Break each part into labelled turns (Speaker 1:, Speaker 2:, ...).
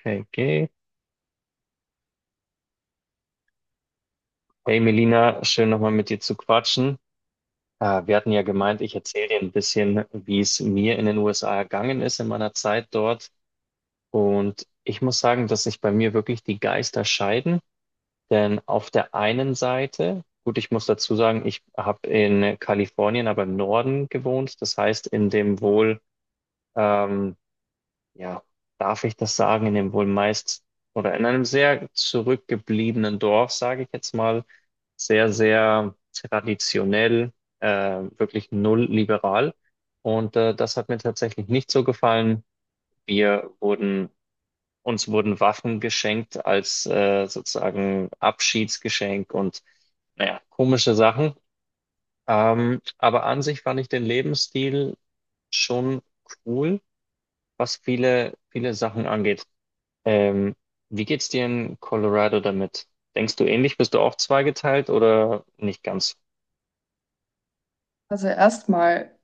Speaker 1: Okay. okay. Hey Melina, schön nochmal mit dir zu quatschen. Wir hatten ja gemeint, ich erzähle dir ein bisschen, wie es mir in den USA ergangen ist in meiner Zeit dort. Und ich muss sagen, dass sich bei mir wirklich die Geister scheiden. Denn auf der einen Seite, gut, ich muss dazu sagen, ich habe in Kalifornien, aber im Norden gewohnt. Das heißt, in dem wohl ähm, ja, darf ich das sagen, in dem wohl meist oder in einem sehr zurückgebliebenen Dorf, sage ich jetzt mal, sehr, sehr traditionell, äh, wirklich null liberal. Und das hat mir tatsächlich nicht so gefallen. Wir wurden, uns wurden Waffen geschenkt als sozusagen Abschiedsgeschenk und naja, komische Sachen. Aber an sich fand ich den Lebensstil schon cool, was viele, viele Sachen angeht. Ähm, Wie geht's dir in Colorado damit? Denkst du ähnlich? Bist du auch zweigeteilt oder nicht ganz?
Speaker 2: Also erstmal,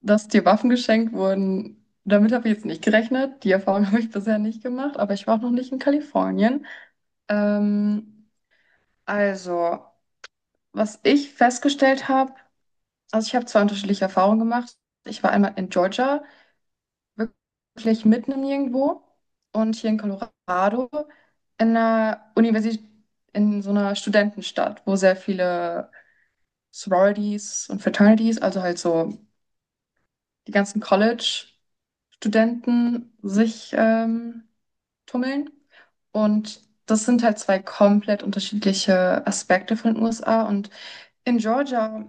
Speaker 2: dass dir Waffen geschenkt wurden, damit habe ich jetzt nicht gerechnet. Die Erfahrung habe ich bisher nicht gemacht, aber ich war auch noch nicht in Kalifornien. Ähm, also, was ich festgestellt habe, also ich habe zwei unterschiedliche Erfahrungen gemacht. Ich war einmal in Georgia, wirklich mitten im Nirgendwo, und hier in Colorado in einer Universität, in so einer Studentenstadt, wo sehr viele Sororities und Fraternities, also halt so die ganzen College. Studenten sich tummeln. Und das sind halt zwei komplett unterschiedliche Aspekte von den USA. Und in Georgia,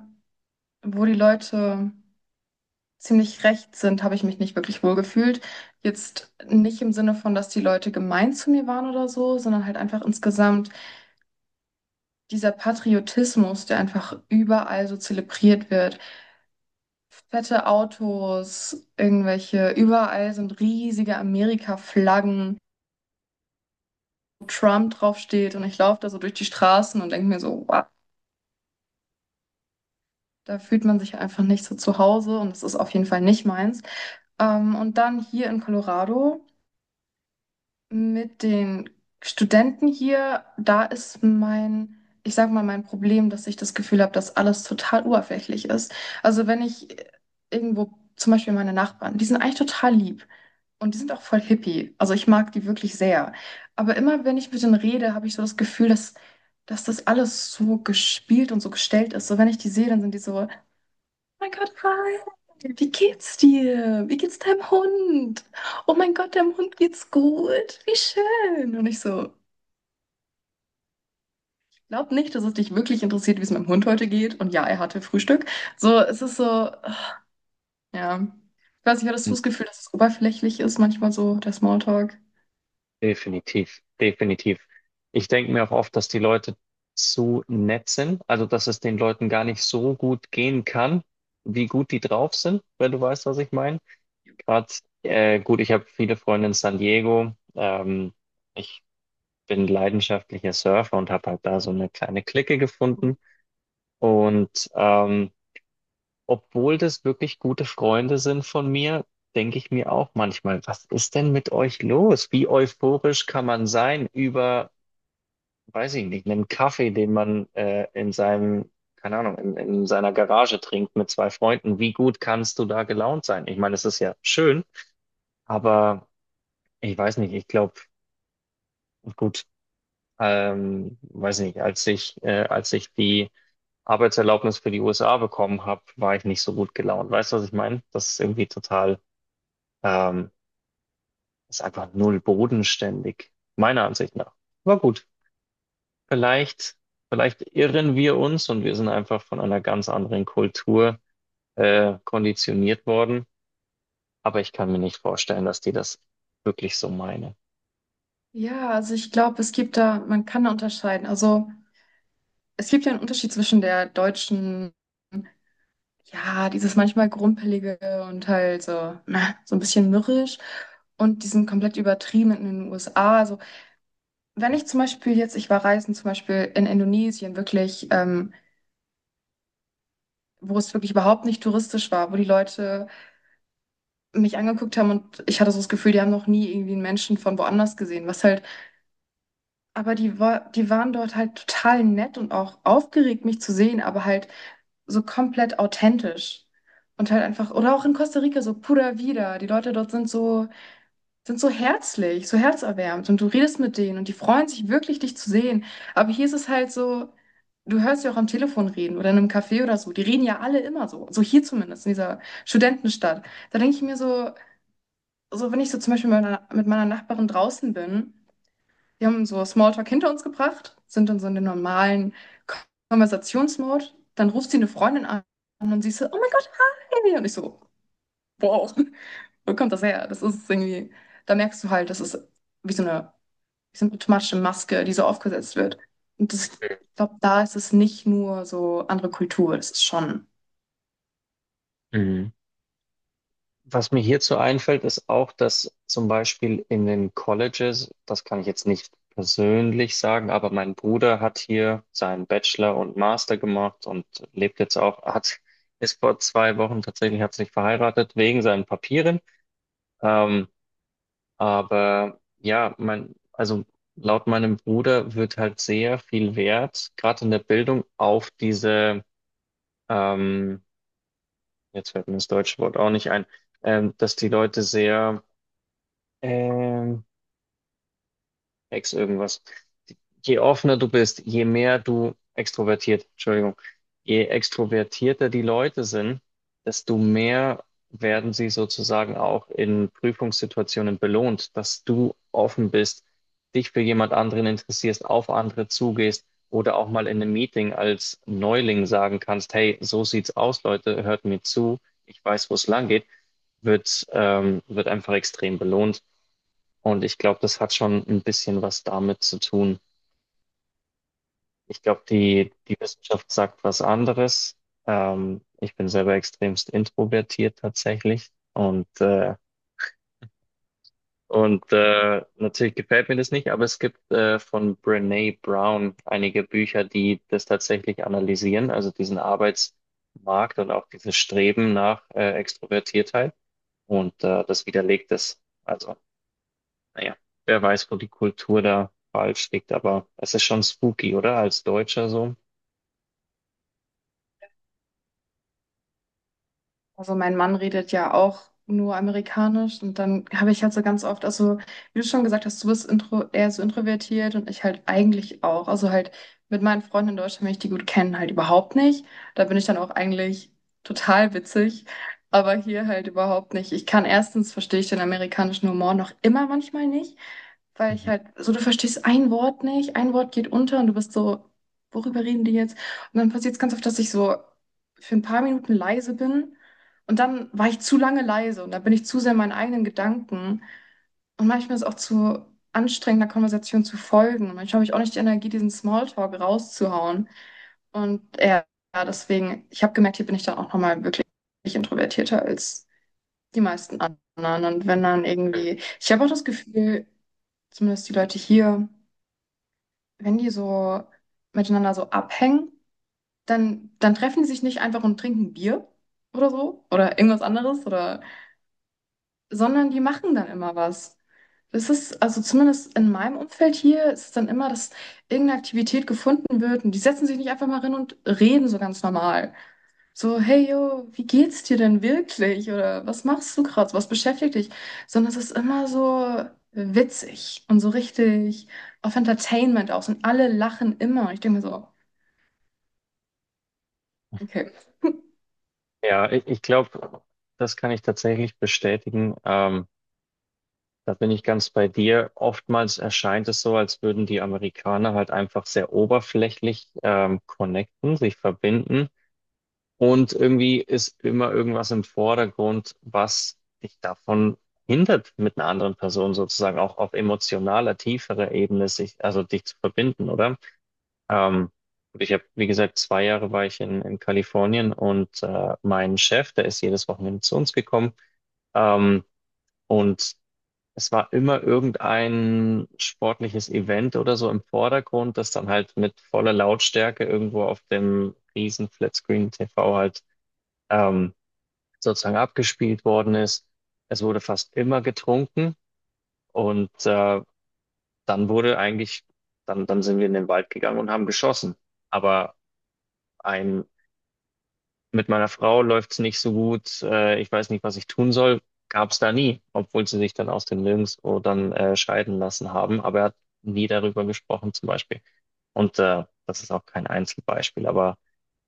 Speaker 2: wo die Leute ziemlich rechts sind, habe ich mich nicht wirklich wohl gefühlt. Jetzt nicht im Sinne von, dass die Leute gemein zu mir waren oder so, sondern halt einfach insgesamt dieser Patriotismus, der einfach überall so zelebriert wird. Fette Autos, irgendwelche, überall sind riesige Amerika-Flaggen. Trump draufsteht und ich laufe da so durch die Straßen und denke mir so, wow, da fühlt man sich einfach nicht so zu Hause und das ist auf jeden Fall nicht meins. Und dann hier in Colorado mit den Studenten hier, da ist mein, ich sag mal, mein Problem, dass ich das Gefühl habe, dass alles total oberflächlich ist. Also wenn ich irgendwo, zum Beispiel meine Nachbarn, die sind eigentlich total lieb und die sind auch voll hippie. Also ich mag die wirklich sehr. Aber immer wenn ich mit denen rede, habe ich so das Gefühl, dass das alles so gespielt und so gestellt ist. So wenn ich die sehe, dann sind die so: Mein Gott, Ralf, wie geht's dir? Wie geht's deinem Hund? Oh mein Gott, deinem Hund geht's gut. Wie schön. Und ich so, glaub nicht, dass es dich wirklich interessiert, wie es meinem Hund heute geht. Und ja, er hatte Frühstück. So, es ist so, ja. Ich weiß nicht, hattest du das Gefühl, dass es oberflächlich ist, manchmal so, der Smalltalk?
Speaker 1: Definitiv, definitiv. Ich denke mir auch oft, dass die Leute zu nett sind, also dass es den Leuten gar nicht so gut gehen kann, wie gut die drauf sind, wenn du weißt, was ich meine. Gerade, gut, ich habe viele Freunde in San Diego. Ich bin leidenschaftlicher Surfer und habe halt da so eine kleine Clique gefunden. Und obwohl das wirklich gute Freunde sind von mir, denke ich mir auch manchmal, was ist denn mit euch los? Wie euphorisch kann man sein über, weiß ich nicht, einen Kaffee, den man in seinem, keine Ahnung, in seiner Garage trinkt mit zwei Freunden? Wie gut kannst du da gelaunt sein? Ich meine, es ist ja schön, aber ich weiß nicht, ich glaube, gut, weiß nicht, als ich die Arbeitserlaubnis für die USA bekommen habe, war ich nicht so gut gelaunt. Weißt du, was ich meine? Das ist irgendwie total Ähm, ist einfach null bodenständig, meiner Ansicht nach. Aber gut, vielleicht, vielleicht irren wir uns und wir sind einfach von einer ganz anderen Kultur konditioniert worden. Aber ich kann mir nicht vorstellen, dass die das wirklich so meinen.
Speaker 2: Ja, also ich glaube, es gibt da, man kann da unterscheiden. Also es gibt ja einen Unterschied zwischen der deutschen, ja, dieses manchmal Grumpelige und halt so, na, so ein bisschen mürrisch, und die sind komplett übertrieben in den USA. Also, wenn ich zum Beispiel jetzt, ich war reisen zum Beispiel in Indonesien, wirklich, wo es wirklich überhaupt nicht touristisch war, wo die Leute mich angeguckt haben und ich hatte so das Gefühl, die haben noch nie irgendwie einen Menschen von woanders gesehen, was halt, aber die waren dort halt total nett und auch aufgeregt, mich zu sehen, aber halt so komplett authentisch. Und halt einfach, oder auch in Costa Rica, so pura vida. Die Leute dort sind so, sind so herzlich, so herzerwärmend und du redest mit denen und die freuen sich wirklich, dich zu sehen. Aber hier ist es halt so, du hörst ja auch am Telefon reden oder in einem Café oder so. Die reden ja alle immer so, so hier zumindest in dieser Studentenstadt. Da denke ich mir so, so wenn ich so zum Beispiel mit meiner Nachbarin draußen bin, die haben so Smalltalk hinter uns gebracht, sind dann so in dem normalen Konversationsmodus, dann ruft sie eine Freundin an und sie ist so, oh mein Gott, hi! Und ich so, wow, wo kommt das her? Das ist irgendwie, da merkst du halt, das ist wie so eine symptomatische Maske, die so aufgesetzt wird. Und das, ich glaube, da ist es nicht nur so andere Kultur, das ist schon.
Speaker 1: Mhm. Was mir hierzu einfällt, ist auch, dass zum Beispiel in den Colleges, das kann ich jetzt nicht persönlich sagen, aber mein Bruder hat hier seinen Bachelor und Master gemacht und lebt jetzt auch, hat, ist vor 2 Wochen tatsächlich, hat sich verheiratet wegen seinen Papieren. Ähm, aber ja, mein, also laut meinem Bruder wird halt sehr viel Wert, gerade in der Bildung, auf diese, ähm, jetzt fällt mir das deutsche Wort auch nicht ein, dass die Leute sehr Ähm, ex irgendwas. Je offener du bist, je mehr du extrovertiert, Entschuldigung, je extrovertierter die Leute sind, desto mehr werden sie sozusagen auch in Prüfungssituationen belohnt, dass du offen bist, dich für jemand anderen interessierst, auf andere zugehst oder auch mal in einem Meeting als Neuling sagen kannst, hey, so sieht's aus, Leute, hört mir zu, ich weiß, wo es lang geht, wird, wird einfach extrem belohnt. Und ich glaube, das hat schon ein bisschen was damit zu tun. Ich glaube, die Wissenschaft sagt was anderes. Ich bin selber extremst introvertiert tatsächlich. Und natürlich gefällt mir das nicht, aber es gibt von Brené Brown einige Bücher, die das tatsächlich analysieren, also diesen Arbeitsmarkt und auch dieses Streben nach Extrovertiertheit. Und das widerlegt es. Also naja, wer weiß, wo die Kultur da falsch liegt, aber es ist schon spooky, oder? Als Deutscher so.
Speaker 2: Also mein Mann redet ja auch nur amerikanisch und dann habe ich halt so ganz oft, also wie du schon gesagt hast, du bist intro, eher so introvertiert und ich halt eigentlich auch. Also halt mit meinen Freunden in Deutschland, wenn ich die gut kenne, halt überhaupt nicht. Da bin ich dann auch eigentlich total witzig. Aber hier halt überhaupt nicht. Ich kann, erstens verstehe ich den amerikanischen Humor noch immer manchmal nicht. Weil ich
Speaker 1: Mhm.
Speaker 2: halt, so du verstehst ein Wort nicht, ein Wort geht unter und du bist so, worüber reden die jetzt? Und dann passiert es ganz oft, dass ich so für ein paar Minuten leise bin und dann war ich zu lange leise und dann bin ich zu sehr in meinen eigenen Gedanken. Und manchmal ist es auch zu anstrengend, einer Konversation zu folgen. Manchmal habe ich auch nicht die Energie, diesen Smalltalk rauszuhauen. Und ja, deswegen, ich habe gemerkt, hier bin ich dann auch nochmal wirklich introvertierter als die meisten anderen. Und wenn dann irgendwie, ich habe auch das Gefühl, zumindest die Leute hier, wenn die so miteinander so abhängen, dann treffen die sich nicht einfach und trinken Bier oder so oder irgendwas anderes oder, sondern die machen dann immer was. Das ist, also zumindest in meinem Umfeld hier, ist es dann immer, dass irgendeine Aktivität gefunden wird und die setzen sich nicht einfach mal hin und reden so ganz normal. So, hey yo, wie geht's dir denn wirklich? Oder was machst du gerade? Was beschäftigt dich? Sondern es ist immer so witzig und so richtig auf Entertainment aus und alle lachen immer. Und ich denke mir so, okay.
Speaker 1: Ja, ich glaube, das kann ich tatsächlich bestätigen. Da bin ich ganz bei dir. Oftmals erscheint es so, als würden die Amerikaner halt einfach sehr oberflächlich connecten, sich verbinden. Und irgendwie ist immer irgendwas im Vordergrund, was dich davon hindert, mit einer anderen Person sozusagen auch auf emotionaler, tieferer Ebene sich, also dich zu verbinden, oder? Ähm, und ich habe, wie gesagt, 2 Jahre war ich in Kalifornien und mein Chef, der ist jedes Wochenende zu uns gekommen. Ähm, und es war immer irgendein sportliches Event oder so im Vordergrund, das dann halt mit voller Lautstärke irgendwo auf dem riesen Flatscreen-TV halt ähm, sozusagen abgespielt worden ist. Es wurde fast immer getrunken und dann wurde eigentlich, dann sind wir in den Wald gegangen und haben geschossen. Aber ein mit meiner Frau läuft es nicht so gut, ich weiß nicht, was ich tun soll, gab es da nie, obwohl sie sich dann aus dem Nirgendwo dann scheiden lassen haben. Aber er hat nie darüber gesprochen zum Beispiel. Und das ist auch kein Einzelbeispiel. Aber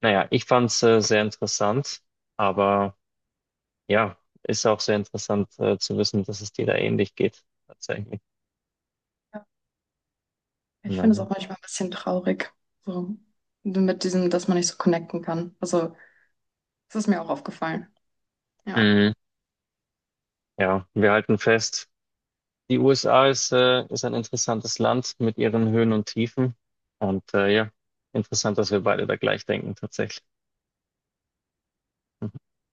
Speaker 1: naja, ich fand es sehr interessant. Aber ja, ist auch sehr interessant zu wissen, dass es dir da ähnlich geht, tatsächlich.
Speaker 2: Ja, ich
Speaker 1: Ja.
Speaker 2: finde es auch manchmal ein bisschen traurig, so mit diesem, dass man nicht so connecten kann. Also, das ist mir auch aufgefallen. Ja.
Speaker 1: Mhm. Ja, wir halten fest. Die USA ist, ist ein interessantes Land mit ihren Höhen und Tiefen. Und ja, interessant, dass wir beide da gleich denken tatsächlich. Hm.